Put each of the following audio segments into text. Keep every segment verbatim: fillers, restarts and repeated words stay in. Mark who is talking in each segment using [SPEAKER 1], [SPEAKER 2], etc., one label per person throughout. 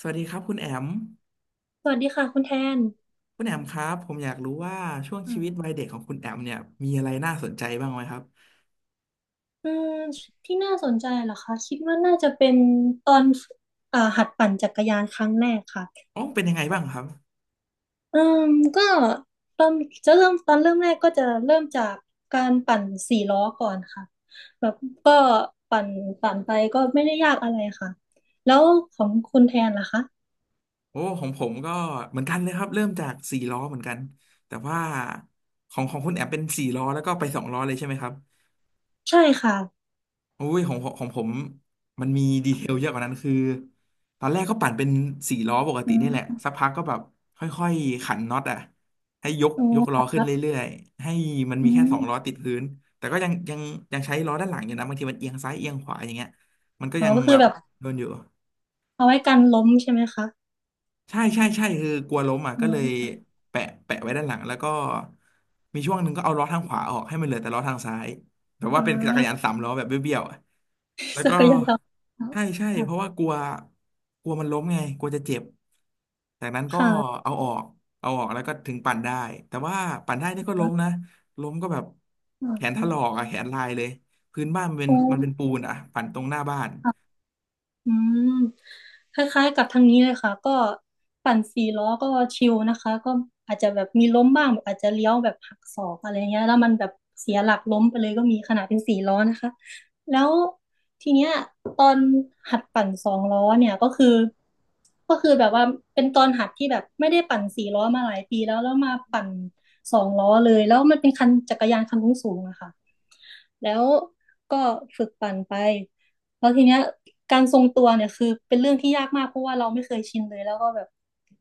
[SPEAKER 1] สวัสดีครับคุณแอม
[SPEAKER 2] สวัสดีค่ะคุณแทน
[SPEAKER 1] คุณแอมครับผมอยากรู้ว่าช่วง
[SPEAKER 2] อื
[SPEAKER 1] ชีวิต
[SPEAKER 2] ม
[SPEAKER 1] วัยเด็กของคุณแอมเนี่ยมีอะไรน่าสนใจบ้างไหมครับ
[SPEAKER 2] อืมที่น่าสนใจเหรอคะคิดว่าน่าจะเป็นตอนเอ่อหัดปั่นจักรยานครั้งแรกค่ะ
[SPEAKER 1] อ๋อเป็นยังไงบ้างครับ
[SPEAKER 2] อืมก็ตอนจะเริ่มตอนเริ่มแรกก็จะเริ่มจากการปั่นสี่ล้อก่อนค่ะแบบก็ปั่นปั่นไปก็ไม่ได้ยากอะไรค่ะแล้วของคุณแทนล่ะคะ
[SPEAKER 1] โอ้ของผมก็เหมือนกันเลยครับเริ่มจากสี่ล้อเหมือนกันแต่ว่าของของคุณแอมเป็นสี่ล้อแล้วก็ไปสองล้อเลยใช่ไหมครับ
[SPEAKER 2] ใช่ค่ะ
[SPEAKER 1] อุ้ยของผมของผมมันมีดีเทลเยอะกว่านั้นคือตอนแรกก็ปั่นเป็นสี่ล้อปก
[SPEAKER 2] อื
[SPEAKER 1] ตินี่แหละ
[SPEAKER 2] ม
[SPEAKER 1] สักพักก็แบบค่อยๆขันน็อตอ่ะให้ยก
[SPEAKER 2] อ๋อ
[SPEAKER 1] ยกล้อ
[SPEAKER 2] ค
[SPEAKER 1] ขึ้น
[SPEAKER 2] รับ
[SPEAKER 1] เรื่อยๆให้มันมี
[SPEAKER 2] อื
[SPEAKER 1] แค่
[SPEAKER 2] ม
[SPEAKER 1] สองล้อติดพื้นแต่ก็ยังยังยังใช้ล้อด้านหลังอยู่นะบางทีมันเอียงซ้ายเอียงขวาอย่างเงี้ยมันก็
[SPEAKER 2] อ๋อ
[SPEAKER 1] ยัง
[SPEAKER 2] ก็คื
[SPEAKER 1] แบ
[SPEAKER 2] อ
[SPEAKER 1] บ
[SPEAKER 2] แบบ
[SPEAKER 1] โดนอยู่
[SPEAKER 2] เอาไว้กันล้มใช่ไหมคะ
[SPEAKER 1] ใช่ใช่ใช่คือกลัวล้มอ่ะ
[SPEAKER 2] อื
[SPEAKER 1] ก็เลย
[SPEAKER 2] ม
[SPEAKER 1] แปะแปะไว้ด้านหลังแล้วก็มีช่วงหนึ่งก็เอาล้อทางขวาออกให้มันเหลือแต่ล้อทางซ้ายแบบว่า
[SPEAKER 2] อ๋อ
[SPEAKER 1] เป็นจักรยานสามล้อแบบเบี้ยวๆอะแล้ ว
[SPEAKER 2] จั
[SPEAKER 1] ก็
[SPEAKER 2] กรยานล้อน
[SPEAKER 1] ใช่ใช่
[SPEAKER 2] ค่ะ
[SPEAKER 1] เพราะว่ากลัวกลัวมันล้มไงกลัวจะเจ็บจากนั้นก็
[SPEAKER 2] ค่ะ
[SPEAKER 1] เอาออกเอาออกแล้วก็ถึงปั่นได้แต่ว่าปั่นได้นี่ก็ล้มนะล้มก็แบบแขนถลอกอ่ะแขนลายเลยพื้นบ้านมันเป็น
[SPEAKER 2] โอ
[SPEAKER 1] มันเป็นปู
[SPEAKER 2] ้
[SPEAKER 1] นอ่ะปั่นตรงหน้าบ้าน
[SPEAKER 2] ค่ะ อืมคล้ายๆกับทางนี้เลยค่ะก็ปั่นสี่ล้อก็ชิลนะคะก็อาจจะแบบมีล้มบ้างแบบอาจจะเลี้ยวแบบหักศอกอะไรเงี้ยแล้วมันแบบเสียหลักล้มไปเลยก็มีขนาดเป็นสี่ล้อนะคะแล้วทีเนี้ยตอนหัดปั่นสองล้อเนี่ยก็คือก็คือแบบว่าเป็นตอนหัดที่แบบไม่ได้ปั่นสี่ล้อมาหลายปีแล้วแล้วมาปั่นสองล้อเลยแล้วมันเป็นคันจักรยานคันสูงๆอะค่ะแล้วก็ฝึกปั่นไป แล้วทีเนี้ยการทรงตัวเนี่ยคือเป็นเรื่องที่ยากมากเพราะว่าเราไม่เคยชินเลยแล้วก็แบบ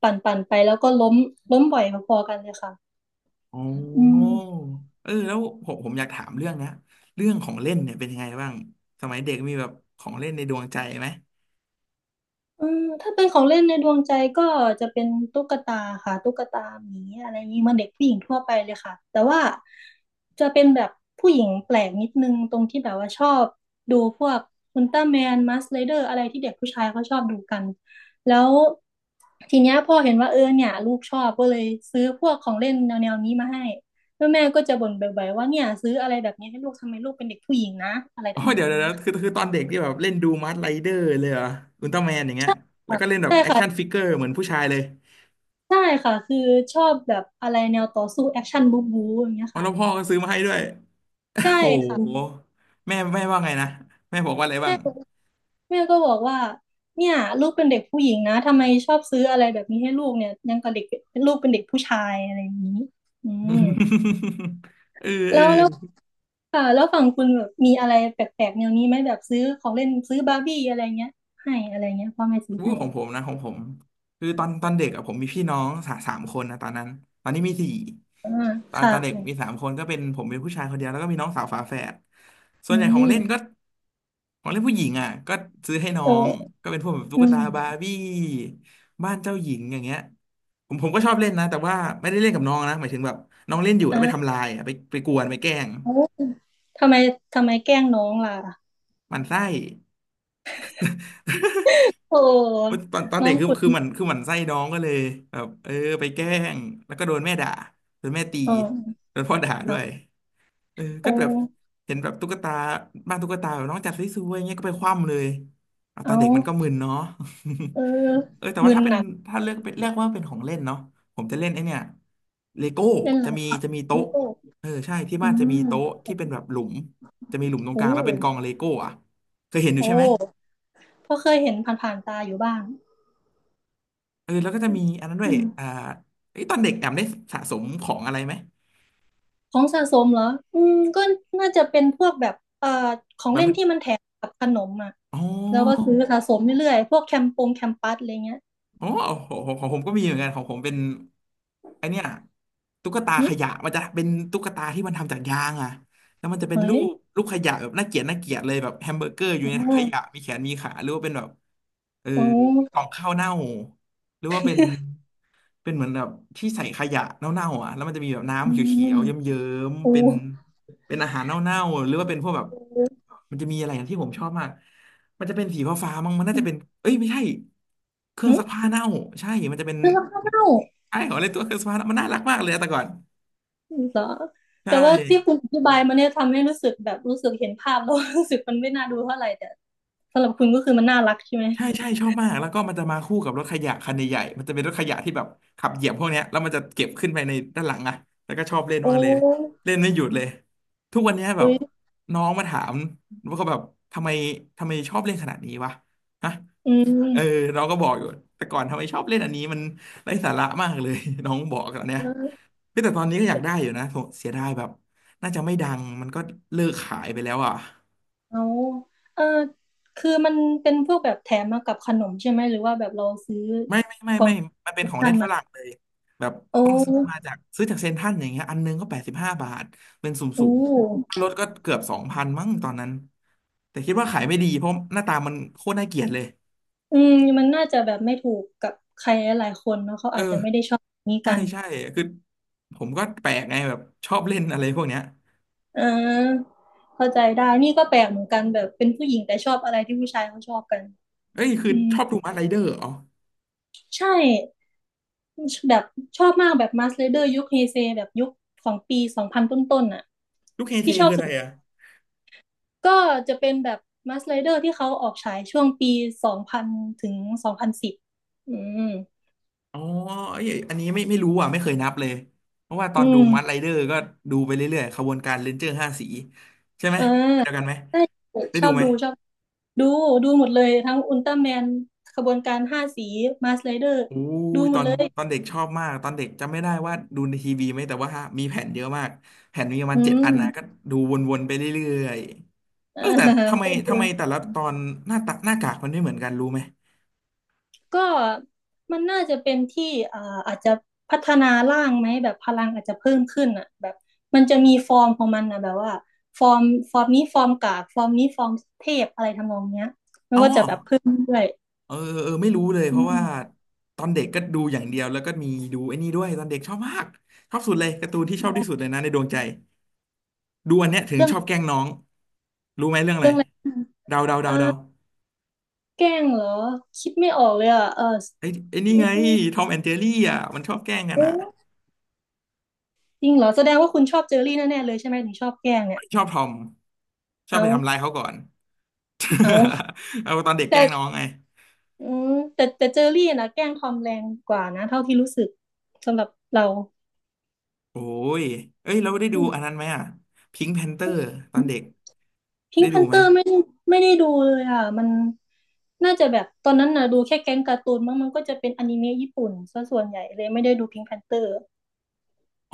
[SPEAKER 2] ปั่นปั่นไปแล้วก็ล้มล้มบ่อยพอๆกันเลยค่ะ
[SPEAKER 1] อ๋อ
[SPEAKER 2] อืม
[SPEAKER 1] เออแล้วผมผมอยากถามเรื่องนะเรื่องของเล่นเนี่ยเป็นยังไงบ้างสมัยเด็กมีแบบของเล่นในดวงใจไหม
[SPEAKER 2] อืมถ้าเป็นของเล่นในดวงใจก็จะเป็นตุ๊กตาค่ะตุ๊กตาหมีอะไรอย่างนี้เหมันเด็กผู้หญิงทั่วไปเลยค่ะแต่ว่าจะเป็นแบบผู้หญิงแปลกนิดนึงตรงที่แบบว่าชอบดูพวกอุลตร้าแมนมัสไรเดอร์อะไรที่เด็กผู้ชายเขาชอบดูกันแล้วทีเนี้ยพ่อเห็นว่าเออเนี่ยลูกชอบก็เลยซื้อพวกของเล่นแนวแนวนี้มาให้แล้วแม่ก็จะบ่นบ่อยๆว่าเนี่ยซื้ออะไรแบบนี้ให้ลูกทำไมลูกเป็นเด็กผู้หญิงนะอะไร
[SPEAKER 1] อ๋อ
[SPEAKER 2] ทำน
[SPEAKER 1] เดี๋
[SPEAKER 2] อ
[SPEAKER 1] ยว
[SPEAKER 2] ง
[SPEAKER 1] เดี๋ยว
[SPEAKER 2] นี้
[SPEAKER 1] เดี๋ยว
[SPEAKER 2] ค่ะ
[SPEAKER 1] คือคือตอนเด็กที่แบบเล่นดูมาร์ไรเดอร์เลยเหรออุลตร้าแมนอย่างเงี้ยแล้วก็เล่นแบบ
[SPEAKER 2] ใช่
[SPEAKER 1] แอคชั่น
[SPEAKER 2] ค่ะ
[SPEAKER 1] ฟิกเกอร์เหมือนผู้ชายเลย
[SPEAKER 2] ใช่ค่ะคือชอบแบบอะไรแนวต่อสู้แอคชั่นบู๊บู๊อย่างเงี้ย
[SPEAKER 1] อ๋อ
[SPEAKER 2] ค่ะ
[SPEAKER 1] แล้วพ่อก็ซื้อมาให้ด้วย
[SPEAKER 2] ใช่
[SPEAKER 1] โอ้
[SPEAKER 2] ค่ะ
[SPEAKER 1] โหแม่แม่ว่าไงนะแม่บอกว่าอะไรบ้า
[SPEAKER 2] แม่
[SPEAKER 1] ง
[SPEAKER 2] แม่ก็บอกว่าเนี่ยลูกเป็นเด็กผู้หญิงนะทำไมชอบซื้ออะไรแบบนี้ให้ลูกเนี่ยยังกับเด็กเป็นลูกเป็นเด็กผู้ชายอะไรอย่างนี้อืม
[SPEAKER 1] เออเออ
[SPEAKER 2] แล้วแล้วค่ะแล้วฝั่งคุณแบบมีอะไรแปลกๆแนวนี้ไหมแบบซื้อของเล่นซื้อบาร์บี้อะไรเงี้ยให้อะไรเงี้ยพ่อแม่ซื้อ
[SPEAKER 1] วู้
[SPEAKER 2] ให้
[SPEAKER 1] ของผมนะของผมคือตอนตอนเด็กอะผมมีพี่น้องสาสามคนนะตอนนั้นตอนนี้มีสี่
[SPEAKER 2] อ่า
[SPEAKER 1] ตอน
[SPEAKER 2] ค่ะ
[SPEAKER 1] ตอนเด็กมี
[SPEAKER 2] ค่ะ
[SPEAKER 1] สามคนก็เป็นผมเป็นผู้ชายคนเดียวแล้วก็มีน้องสาวฝาแฝดส่วน
[SPEAKER 2] อื
[SPEAKER 1] ใหญ่ของเล่
[SPEAKER 2] ม
[SPEAKER 1] นก็ของเล่นผู้หญิงอ่ะก็ซื้อให้น้อ
[SPEAKER 2] โอ้
[SPEAKER 1] งก็เป็นพวกแบบตุ๊
[SPEAKER 2] อื
[SPEAKER 1] ก
[SPEAKER 2] ม
[SPEAKER 1] ตาบาร์บี้บ้านเจ้าหญิงอย่างเงี้ยผมผมก็ชอบเล่นนะแต่ว่าไม่ได้เล่นกับน้องนะหมายถึงแบบน้องเล่นอยู่แล้วไป
[SPEAKER 2] อ้า
[SPEAKER 1] ทำลายอะไปไปกวนไปแกล้ง
[SPEAKER 2] วทำไมทำไมแกล้งน้องล่ะ
[SPEAKER 1] หมันไส้
[SPEAKER 2] โอ
[SPEAKER 1] โอ๊ย
[SPEAKER 2] ้
[SPEAKER 1] ตอนตอน
[SPEAKER 2] น้
[SPEAKER 1] เด็
[SPEAKER 2] อ
[SPEAKER 1] ก
[SPEAKER 2] ง
[SPEAKER 1] คือ
[SPEAKER 2] คุณ
[SPEAKER 1] คือมันคือมันไส้น้องก็เลยแบบเออไปแกล้งแล้วก็โดนแม่ด่าโดนแม่ตี
[SPEAKER 2] เออ
[SPEAKER 1] โดนพ่อด่าด้วย
[SPEAKER 2] เอา
[SPEAKER 1] เออ
[SPEAKER 2] โอ
[SPEAKER 1] ก็แบบเห็นแบบตุ๊กตาบ้านตุ๊กตาแบบน้องจัดสวยๆอย่างเงี้ยก็ไปคว่ำเลยอ่ะ
[SPEAKER 2] เอ
[SPEAKER 1] ตอนเด็กมันก็
[SPEAKER 2] า
[SPEAKER 1] มึนเนาะ
[SPEAKER 2] เออ
[SPEAKER 1] เออแต่
[SPEAKER 2] มึ
[SPEAKER 1] ว่า
[SPEAKER 2] น
[SPEAKER 1] ถ้าเป็
[SPEAKER 2] ห
[SPEAKER 1] น
[SPEAKER 2] นัก
[SPEAKER 1] ถ้าเลือกเป็นเรียกว่าเป็นของเล่นเนาะผมจะเล่นไอเนี่ยเลโก้
[SPEAKER 2] เล่น
[SPEAKER 1] จะ
[SPEAKER 2] อะ
[SPEAKER 1] มี
[SPEAKER 2] ไร
[SPEAKER 1] จะมี
[SPEAKER 2] ลู
[SPEAKER 1] โต๊ะ
[SPEAKER 2] กโก้
[SPEAKER 1] เออใช่ที่
[SPEAKER 2] อื
[SPEAKER 1] บ้านจะมี
[SPEAKER 2] ม
[SPEAKER 1] โต๊ะที่เป็นแบบหลุมจะมีหลุมตรงก
[SPEAKER 2] โอ้
[SPEAKER 1] ลางแล้วเป็นกองเลโก้อะเคยเห็นอ
[SPEAKER 2] โอ
[SPEAKER 1] ยู่ใช่ไหม
[SPEAKER 2] ้เพราะเคยเห็นผ่านๆตาอยู่บ้าง
[SPEAKER 1] เออแล้วก็จะมีอันนั้นด้ว
[SPEAKER 2] อื
[SPEAKER 1] ย
[SPEAKER 2] ม
[SPEAKER 1] อ่าเอ้ยตอนเด็กแอมได้สะสมของอะไรไหม
[SPEAKER 2] ของสะสมเหรออืมก็น่าจะเป็นพวกแบบเอ่อของ
[SPEAKER 1] แบบ
[SPEAKER 2] เล่น
[SPEAKER 1] มัน
[SPEAKER 2] ที่มันแถมกับขนมอ่ะ
[SPEAKER 1] อ๋
[SPEAKER 2] แล้วก็
[SPEAKER 1] อ
[SPEAKER 2] ซื้อสะสมเรื่อยๆพวกแคมปงแคมปัสอะไรเงี้ย
[SPEAKER 1] อ๋อของของของผมก็มีเหมือนกันของผมเป็นไอเนี้ยตุ๊กตา
[SPEAKER 2] อื
[SPEAKER 1] ข
[SPEAKER 2] ม
[SPEAKER 1] ยะมันจะเป็นตุ๊กตาที่มันทำจากยางอ่ะแล้วมันจะเป็น
[SPEAKER 2] เฮ้
[SPEAKER 1] รู
[SPEAKER 2] ย
[SPEAKER 1] ปรูปขยะแบบน่าเกลียดน่าเกลียดเลยแบบแฮมเบอร์เกอร์อยู่ใน
[SPEAKER 2] อ๋
[SPEAKER 1] ถั
[SPEAKER 2] อ
[SPEAKER 1] งขยะมีแขนมีขาหรือว่าเป็นแบบเออ
[SPEAKER 2] โอ้
[SPEAKER 1] กล่องข้าวเน่าหรือว่าเป็น เป็นเหมือนแบบที่ใส่ขยะเน่าๆอ่ะแล้วมันจะมีแบบ
[SPEAKER 2] อื
[SPEAKER 1] น้ำเขีย
[SPEAKER 2] ม
[SPEAKER 1] วๆเยิ้ม
[SPEAKER 2] โอ้
[SPEAKER 1] ๆเป็นเป็นอาหารเน่าๆหรือว่าเป็นพวกแบบ
[SPEAKER 2] โอ้
[SPEAKER 1] มันจะมีอะไรอย่างที่ผมชอบมากมันจะเป็นสีฟ้าๆมั้งมันน่า
[SPEAKER 2] อ
[SPEAKER 1] จะเป็นเอ้ยไม่ใช่เครื่อง
[SPEAKER 2] ื
[SPEAKER 1] ซักผ้าเน่าใช่มันจะเป็น
[SPEAKER 2] ซื้อแล้วก็เล่า
[SPEAKER 1] ไอ้ของอะไรตัวเครื่องซักผ้าเน่ามันน่ารักมากเลยอะแต่ก่อน
[SPEAKER 2] เหรอ
[SPEAKER 1] ใช่
[SPEAKER 2] แต่ว่าที่คุณอธิบายมาเนี่ยทำให้รู้สึกแบบรู้สึกเห็นภาพแล้ว รู้สึกมันไม่น่าดูเท่าไหร่แต่สำหรับคุณก็คือมันน่ารักใช่ไหม
[SPEAKER 1] ใช่ใช่ชอบมากแล้วก็มันจะมาคู่กับรถขยะคันใหญ่ๆมันจะเป็นรถขยะที่แบบขับเหยียบพวกเนี้ยแล้วมันจะเก็บขึ้นไปในด้านหลังอะแล้วก็ชอบเล่นมาก
[SPEAKER 2] โอ้
[SPEAKER 1] เลยเล่นไม่หยุดเลยทุกวันเนี้ยแบ
[SPEAKER 2] อุ๊
[SPEAKER 1] บ
[SPEAKER 2] ย
[SPEAKER 1] น้องมาถามว่าเขาแบบทำไมทำไมชอบเล่นขนาดนี้วะฮะ
[SPEAKER 2] อื
[SPEAKER 1] เออ
[SPEAKER 2] ม
[SPEAKER 1] เราก็บอกอยู่แต่ก่อนทำไมชอบเล่นอันนี้มันไร้สาระมากเลย น้องบอกตอนเนี้ย
[SPEAKER 2] เออ
[SPEAKER 1] เฮ้ยแต่ตอนนี้ก็อยากได้อยู่นะโถเสียดายแบบน่าจะไม่ดังมันก็เลิกขายไปแล้วอ่ะ
[SPEAKER 2] เอาเออคือมันเป็นพวกแบบแถมมากับขนมใช่ไหมหรือว่าแบบเราซื้อ
[SPEAKER 1] ไม่ไม่ไม่ไม่ มันเป็นของเล่นฝรั่งเลยแบบ
[SPEAKER 2] โอ
[SPEAKER 1] ต้องซื้อมา
[SPEAKER 2] ้
[SPEAKER 1] จากซื้อจากเซ็นทรัลอย่างเงี้ยอันนึงก็แปดสิบห้าบาท เป็นสุ่
[SPEAKER 2] อู้
[SPEAKER 1] มๆถ้ารถก็เกือบสองพันมั้งตอนนั้น แต่คิดว่าขายไม่ดีเพราะหน้าตามันโคตรน่าเกลียดเลย
[SPEAKER 2] อืมมันน่าจะแบบไม่ถูกกับใครหลายๆคนเนาะเขา
[SPEAKER 1] เอ
[SPEAKER 2] อาจจะไม่ได้
[SPEAKER 1] อ
[SPEAKER 2] ชอบแบบนี้
[SPEAKER 1] ใช่
[SPEAKER 2] กัน
[SPEAKER 1] ใช่คือผมก็แปลกไงแบบชอบเล่นอะไรพวกเนี้ย
[SPEAKER 2] เอ่าเข้าใจได้นี่ก็แปลกเหมือนกันแบบเป็นผู้หญิงแต่ชอบอะไรที่ผู้ชายเขาชอบกัน
[SPEAKER 1] เอ้ยคือ
[SPEAKER 2] อื
[SPEAKER 1] ชอบ
[SPEAKER 2] ม
[SPEAKER 1] ดูมาร์ไรเดอร์อ๋อ
[SPEAKER 2] ใช่ แบบชอบมากแบบมาสเลเดอร์ยุคเฮเซแบบยุคของปีสองพันต้นๆน่ะ
[SPEAKER 1] ลูกเฮเซ
[SPEAKER 2] ที่ชอ
[SPEAKER 1] คื
[SPEAKER 2] บ
[SPEAKER 1] ออะ
[SPEAKER 2] สุ
[SPEAKER 1] ไรอ่ะ
[SPEAKER 2] ดก็จะเป็นแบบมาสเลเดอร์ที่เขาออกฉายช่วงปีสองพันถึงสองพันสิบอืม
[SPEAKER 1] อ๋อเอ้ยอันนี้ไม่ไม่รู้อ่ะไม่เคยนับเลยเพราะว่าตอ
[SPEAKER 2] อื
[SPEAKER 1] นดูมัดไร
[SPEAKER 2] ม
[SPEAKER 1] เดอร์ก็ดูไปเรื่อยๆขบวนการเรนเจอร์ห้าสีใช่ไหม
[SPEAKER 2] เออ
[SPEAKER 1] เดียวกันไหม
[SPEAKER 2] ใช่
[SPEAKER 1] ได้
[SPEAKER 2] ชอ
[SPEAKER 1] ดู
[SPEAKER 2] บ
[SPEAKER 1] ไหม
[SPEAKER 2] ดูชอบดูดูหมดเลยทั้งอุลตร้าแมนขบวนการห้าสีมาสเลเดอร์
[SPEAKER 1] อู้
[SPEAKER 2] ดู
[SPEAKER 1] ย
[SPEAKER 2] หม
[SPEAKER 1] ตอ
[SPEAKER 2] ด
[SPEAKER 1] น
[SPEAKER 2] เลย
[SPEAKER 1] ตอนเด็กชอบมากตอนเด็กจำไม่ได้ว่าดูในทีวีไหมแต่ว่ามีแผ่นเยอะมากแผ่นมีประมา
[SPEAKER 2] อื
[SPEAKER 1] ณเจ็ด
[SPEAKER 2] ม
[SPEAKER 1] อันนะก็ดูวนๆไปเรื่อยๆ
[SPEAKER 2] เอ
[SPEAKER 1] เอ
[SPEAKER 2] อ
[SPEAKER 1] อแต่ทำไม
[SPEAKER 2] ก็ดู
[SPEAKER 1] ทำไมแต่ละตอนหน้าตาหน้ากากมันไม่เหมือนกันรู้ไหม
[SPEAKER 2] ก็มันน่าจะเป็นที่อ่าอาจจะพัฒนาร่างไหมแบบพลังอาจจะเพิ่มขึ้นอ่ะแบบมันจะมีฟอร์มของมันนะแบบว่าฟอร์มฟอร์มนี้ฟอร์มกากฟอร์มนี้ฟอร์มเทพอะไรทำนองเนี้ย
[SPEAKER 1] อ๋อ
[SPEAKER 2] เพิ่มด้วย
[SPEAKER 1] เออเออไม่รู้เลยเพ
[SPEAKER 2] อื
[SPEAKER 1] ราะ
[SPEAKER 2] ม
[SPEAKER 1] ว่าตอนเด็กก็ดูอย่างเดียวแล้วก็มีดูไอ้นี่ด้วยตอนเด็กชอบมากชอบสุดเลยการ์ตูนที่ชอบที่สุดเลยนะในดวงใจดูอันเนี้ยถึง
[SPEAKER 2] เรื่อง
[SPEAKER 1] ชอบแกล้งน้องรู้ไหมเรื่องอะไร
[SPEAKER 2] เรื่องอะไร
[SPEAKER 1] เดาเดาเดา
[SPEAKER 2] อ่
[SPEAKER 1] เดา
[SPEAKER 2] าแกล้งเหรอคิดไม่ออกเลยอ่ะเออ
[SPEAKER 1] ไอ้ไอ้นี่ไงทอมแอนเจลี่อ่ะมันชอบแกล้งกันอ่ะ
[SPEAKER 2] เอ๊ะจริงเหรอแสดงว่าคุณชอบเจอรี่แน่ๆเลยใช่ไหมถึงชอบแกล้งเนี่
[SPEAKER 1] มั
[SPEAKER 2] ย
[SPEAKER 1] นชอบทอมชอบ
[SPEAKER 2] เอา
[SPEAKER 1] ไปทำร้ายเขาก่อน
[SPEAKER 2] เอา
[SPEAKER 1] เอาตอนเด็กแกล้งน้อ
[SPEAKER 2] แต่
[SPEAKER 1] งไง
[SPEAKER 2] อืมแต่แต่เจอรี่นะแกล้งทอมแรงกว่านะเท่าที่รู้สึกสำหรับเรา
[SPEAKER 1] โอ้ยเอ้ยเราได้ดูอันนั้นไหมอ่ะพิงค์แพนเตอร์ตอนเด็ก
[SPEAKER 2] พิ
[SPEAKER 1] ได้
[SPEAKER 2] งค์แพ
[SPEAKER 1] ดู
[SPEAKER 2] น
[SPEAKER 1] ไห
[SPEAKER 2] เต
[SPEAKER 1] ม
[SPEAKER 2] อร์ไม่ไม่ได้ดูเลยอ่ะมันน่าจะแบบตอนนั้นนะดูแค่แก๊งการ์ตูนมั้งมันก็จะเป็นอนิเมะญี่ปุ่นซะส่วนใหญ่เลยไม่ได้ดูพิงค์แพนเตอร์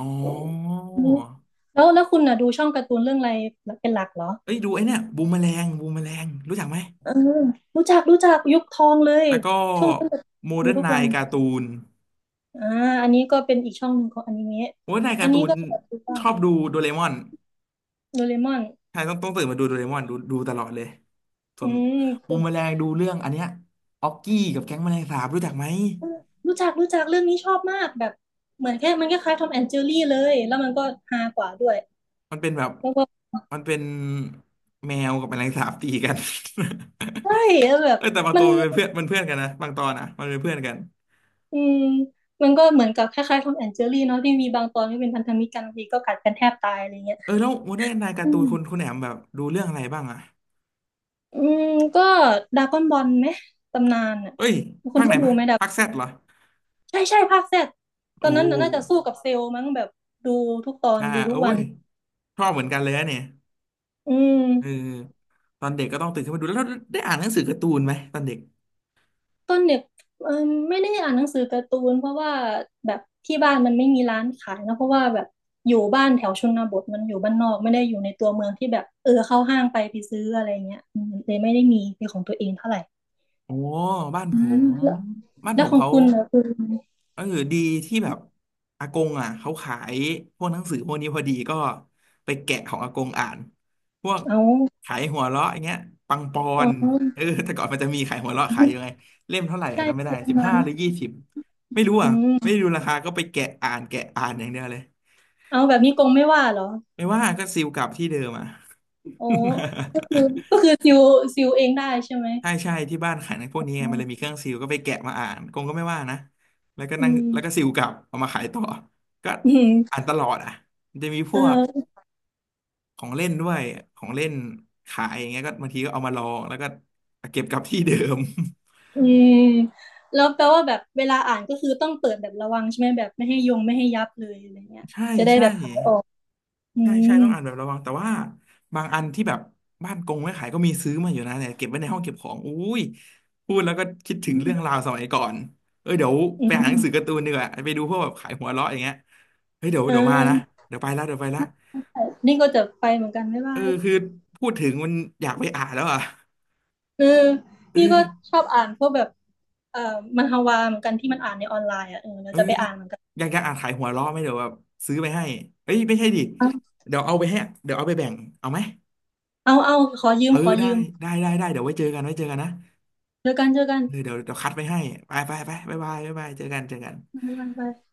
[SPEAKER 1] อ๋อ
[SPEAKER 2] แล้วแล้วคุณน่ะดูช่องการ์ตูนเรื่องอะไรเป็นหลักเหรอ
[SPEAKER 1] เอ้ยดูไอ้เนี่ยบูมแมลงบูมแมลงรู้จักไหม
[SPEAKER 2] เออรู้จักรู้จักยุคทองเลย
[SPEAKER 1] แล้วก็
[SPEAKER 2] ช่วงนั้นแบบ
[SPEAKER 1] โม
[SPEAKER 2] ดู
[SPEAKER 1] เดิร์น
[SPEAKER 2] ทุ
[SPEAKER 1] ไน
[SPEAKER 2] กวัน
[SPEAKER 1] น์การ์ตูน
[SPEAKER 2] อ่าอันนี้ก็เป็นอีกช่องหนึ่งของอนิเมะ
[SPEAKER 1] โมเดิร์นไนน์
[SPEAKER 2] อั
[SPEAKER 1] กา
[SPEAKER 2] น
[SPEAKER 1] ร์ตู
[SPEAKER 2] นี้
[SPEAKER 1] น
[SPEAKER 2] ก็แบบดู
[SPEAKER 1] ช
[SPEAKER 2] บ้าง
[SPEAKER 1] อบดูโดเรมอน
[SPEAKER 2] โดเรมอน
[SPEAKER 1] ใช่ต้องต้องตื่นมาดูโดเรมอนดูดูตลอดเลยส่
[SPEAKER 2] อื
[SPEAKER 1] วนบูม
[SPEAKER 2] ม
[SPEAKER 1] แมลงดูเรื่องอันเนี้ยออกกี้กับแก๊งแมลงสาบรู้จักไหม
[SPEAKER 2] รู้จักรู้จักเรื่องนี้ชอบมากแบบเหมือนแค่มันคล้ายๆทอมแอนด์เจอรี่เลยแล้วมันก็ฮากว่าด้วย
[SPEAKER 1] มันเป็นแบบ
[SPEAKER 2] แล้วก็
[SPEAKER 1] มันเป็นแมวกับแมลงสาบตีกัน
[SPEAKER 2] ใช่แล้วแบ บ
[SPEAKER 1] เออแต่บาง
[SPEAKER 2] มั
[SPEAKER 1] ตั
[SPEAKER 2] น
[SPEAKER 1] วมันเป็นเพื่อนมันเพื่อนกันนะบางตอนนะมันเป็นเพื่อนกัน
[SPEAKER 2] อืมมันก็เหมือนกับคล้ายๆทอมแอนเจอรี่เนาะที่มีบางตอนที่เป็นพันธมิตรกันบางทีก็กัดกันแทบตายอะไรเงี้ย
[SPEAKER 1] เออแล้วโมเดิร์นไนน์กา
[SPEAKER 2] อื
[SPEAKER 1] ร์ตูนคุณ
[SPEAKER 2] ม
[SPEAKER 1] คุณแหนมแบบดูเรื่องอะไรบ้างอะ
[SPEAKER 2] อืมก็ดราก้อนบอลไหมตำนานอ่ะ
[SPEAKER 1] เอ้ย
[SPEAKER 2] คุ
[SPEAKER 1] ภา
[SPEAKER 2] ณ
[SPEAKER 1] คไหน
[SPEAKER 2] ได้ดู
[SPEAKER 1] ภาค
[SPEAKER 2] ไหมดับ
[SPEAKER 1] ภาคแซดเหรอ
[SPEAKER 2] ใช่ใช่ภาคแซดตอ
[SPEAKER 1] โอ้
[SPEAKER 2] นนั้นน่ะน่าจะสู้กับเซลล์มั้งแบบดูทุกตอน
[SPEAKER 1] อ่า
[SPEAKER 2] ดูทุ
[SPEAKER 1] โอ้
[SPEAKER 2] กวัน
[SPEAKER 1] ยชอบเหมือนกันเลยอะเนี่ย
[SPEAKER 2] อื
[SPEAKER 1] เออ
[SPEAKER 2] ม
[SPEAKER 1] ตอนเด็กก็ต้องตื่นขึ้นมาดูแล้วได้อ่านหนังสือการ์ตูนไหมตอนเด็ก
[SPEAKER 2] ตอนเด็กเออไม่ได้อ่านหนังสือการ์ตูนเพราะว่าแบบที่บ้านมันไม่มีร้านขายนะเพราะว่าแบบอยู่บ้านแถวชนบทมันอยู่บ้านนอกไม่ได้อยู่ในตัวเมืองที่แบบเออเข้าห้างไปไปซื้ออะไรเงี้ยอืมเลยไม่ได้มีเป็นของตัวเองเท่าไหร่
[SPEAKER 1] โอ้บ้าน
[SPEAKER 2] อื
[SPEAKER 1] ผ
[SPEAKER 2] ม
[SPEAKER 1] ม
[SPEAKER 2] แล้ว
[SPEAKER 1] บ้าน
[SPEAKER 2] แล้
[SPEAKER 1] ผ
[SPEAKER 2] ว
[SPEAKER 1] ม
[SPEAKER 2] ของ
[SPEAKER 1] เขา
[SPEAKER 2] คุณเนะคือ
[SPEAKER 1] เออดีที่แบบอากงอ่ะเขาขายพวกหนังสือพวกนี้พอดีก็ไปแกะของอากงอ่านพวก
[SPEAKER 2] เอา
[SPEAKER 1] ขายหัวเราะอย่างเงี้ยปังปอ
[SPEAKER 2] อ๋
[SPEAKER 1] นเอ
[SPEAKER 2] อ
[SPEAKER 1] อแต่ก่อนมันจะมีขายหัวเราะขายอยู่ไงเล่มเท่าไหร่อ่ะ
[SPEAKER 2] ใช่
[SPEAKER 1] จำไม่ได้
[SPEAKER 2] ใช่ตร
[SPEAKER 1] สิ
[SPEAKER 2] ง
[SPEAKER 1] บ
[SPEAKER 2] นาน
[SPEAKER 1] ห้าห
[SPEAKER 2] มา
[SPEAKER 1] รือยี่
[SPEAKER 2] ก
[SPEAKER 1] สิบไม่รู้
[SPEAKER 2] อื
[SPEAKER 1] อ่ะไม่
[SPEAKER 2] ม
[SPEAKER 1] ได้ดูราคาก็ไปแกะอ่านแกะอ่านอย่างเดียวเลย
[SPEAKER 2] เอาแบบนี้กงไม่ว่าเหรอ
[SPEAKER 1] ไม่ว่าก็ซิลกลับที่เดิมอ่ะ
[SPEAKER 2] โอ้ก็คือก็คือซิวซิวเองได้ใช่ไหม
[SPEAKER 1] ใช่ใช่ที่บ้านขายหนังพวกนี้ไง
[SPEAKER 2] อื
[SPEAKER 1] มันเลยมี
[SPEAKER 2] ม
[SPEAKER 1] เครื่องซิลก็ไปแกะมาอ่านกงก็ไม่ว่านะแล้วก็
[SPEAKER 2] อื
[SPEAKER 1] นั่งแล้วก็ซิลกลับเอามาขายต่อก็อ่า
[SPEAKER 2] ม
[SPEAKER 1] นตลอดอ่ะมันจะมีพวก
[SPEAKER 2] เออ
[SPEAKER 1] ของเล่นด้วยของเล่นขายอย่างเงี้ยก็บางทีก็เอามาลองแล้วก็เก็บกลับที่เดิม
[SPEAKER 2] อืมแล้วแปลว่าแบบเวลาอ่านก็คือต้องเปิดแบบระวังใช่ไหมแบบไม่ให้ยงไม่ให้ยับเลยอะไรเงี้ย
[SPEAKER 1] ใช่
[SPEAKER 2] จะได้
[SPEAKER 1] ใช่
[SPEAKER 2] แบบขายออกอื
[SPEAKER 1] ใช่
[SPEAKER 2] ม
[SPEAKER 1] ใช่ต้องอ่านแบบระวังแต่ว่าบางอันที่แบบบ้านกงไม่ขายก็มีซื้อมาอยู่นะเนี่ยเก็บไว้ในห้องเก็บของอุ้ยพูดแล้วก็คิดถึ
[SPEAKER 2] อื
[SPEAKER 1] ง
[SPEAKER 2] ม
[SPEAKER 1] เรื่องราวสมัยก่อนเอ้ยเดี๋ยว
[SPEAKER 2] อื
[SPEAKER 1] ไปอ่านห
[SPEAKER 2] ม
[SPEAKER 1] นังสือการ์ตูนดีกว่าไปดูพวกแบบขายหัวเราะอย่างเงี้ยเฮ้ยเดี๋ยว
[SPEAKER 2] เอ
[SPEAKER 1] เดี๋ยวมานะ
[SPEAKER 2] อ
[SPEAKER 1] เดี๋ยวไปละเดี๋ยวไปละ
[SPEAKER 2] นี่ก็จะไปเหมือนกันบ๊าย
[SPEAKER 1] เอ
[SPEAKER 2] บา
[SPEAKER 1] อ
[SPEAKER 2] ย
[SPEAKER 1] คือพูดถึงมันอยากไปอ่านแล้วอ่ะ
[SPEAKER 2] เออ
[SPEAKER 1] เอ
[SPEAKER 2] นี่ก็
[SPEAKER 1] อ
[SPEAKER 2] ชอบอ่านพวกแบบเอ่อมันฮวาเหมือนกันที่มันอ่านในออนไลน์อ่ะเออเรา
[SPEAKER 1] เออ
[SPEAKER 2] จะไปอ่านเหมือนกัน
[SPEAKER 1] อยากจะอ่านขายหัวเราะไหมเดี๋ยวแบบซื้อไปให้เอ้ยไม่ใช่ดิเดี๋ยวเอาไปให้เดี๋ยวเอาไปแบ่งเอาไหม
[SPEAKER 2] เอาเอาขอยื
[SPEAKER 1] เอ
[SPEAKER 2] ม
[SPEAKER 1] อ
[SPEAKER 2] ขอ
[SPEAKER 1] ได้
[SPEAKER 2] ยืม
[SPEAKER 1] ได้ได้ได้เดี๋ยวไว้เจอกันไว้เจอกันนะ
[SPEAKER 2] เจอกันเจอกัน
[SPEAKER 1] เออเดี๋ยวเดี๋ยวคัดไปให้ไปไปไปบายบายบายบายเจอกันเจอกัน
[SPEAKER 2] บ๊ายบาย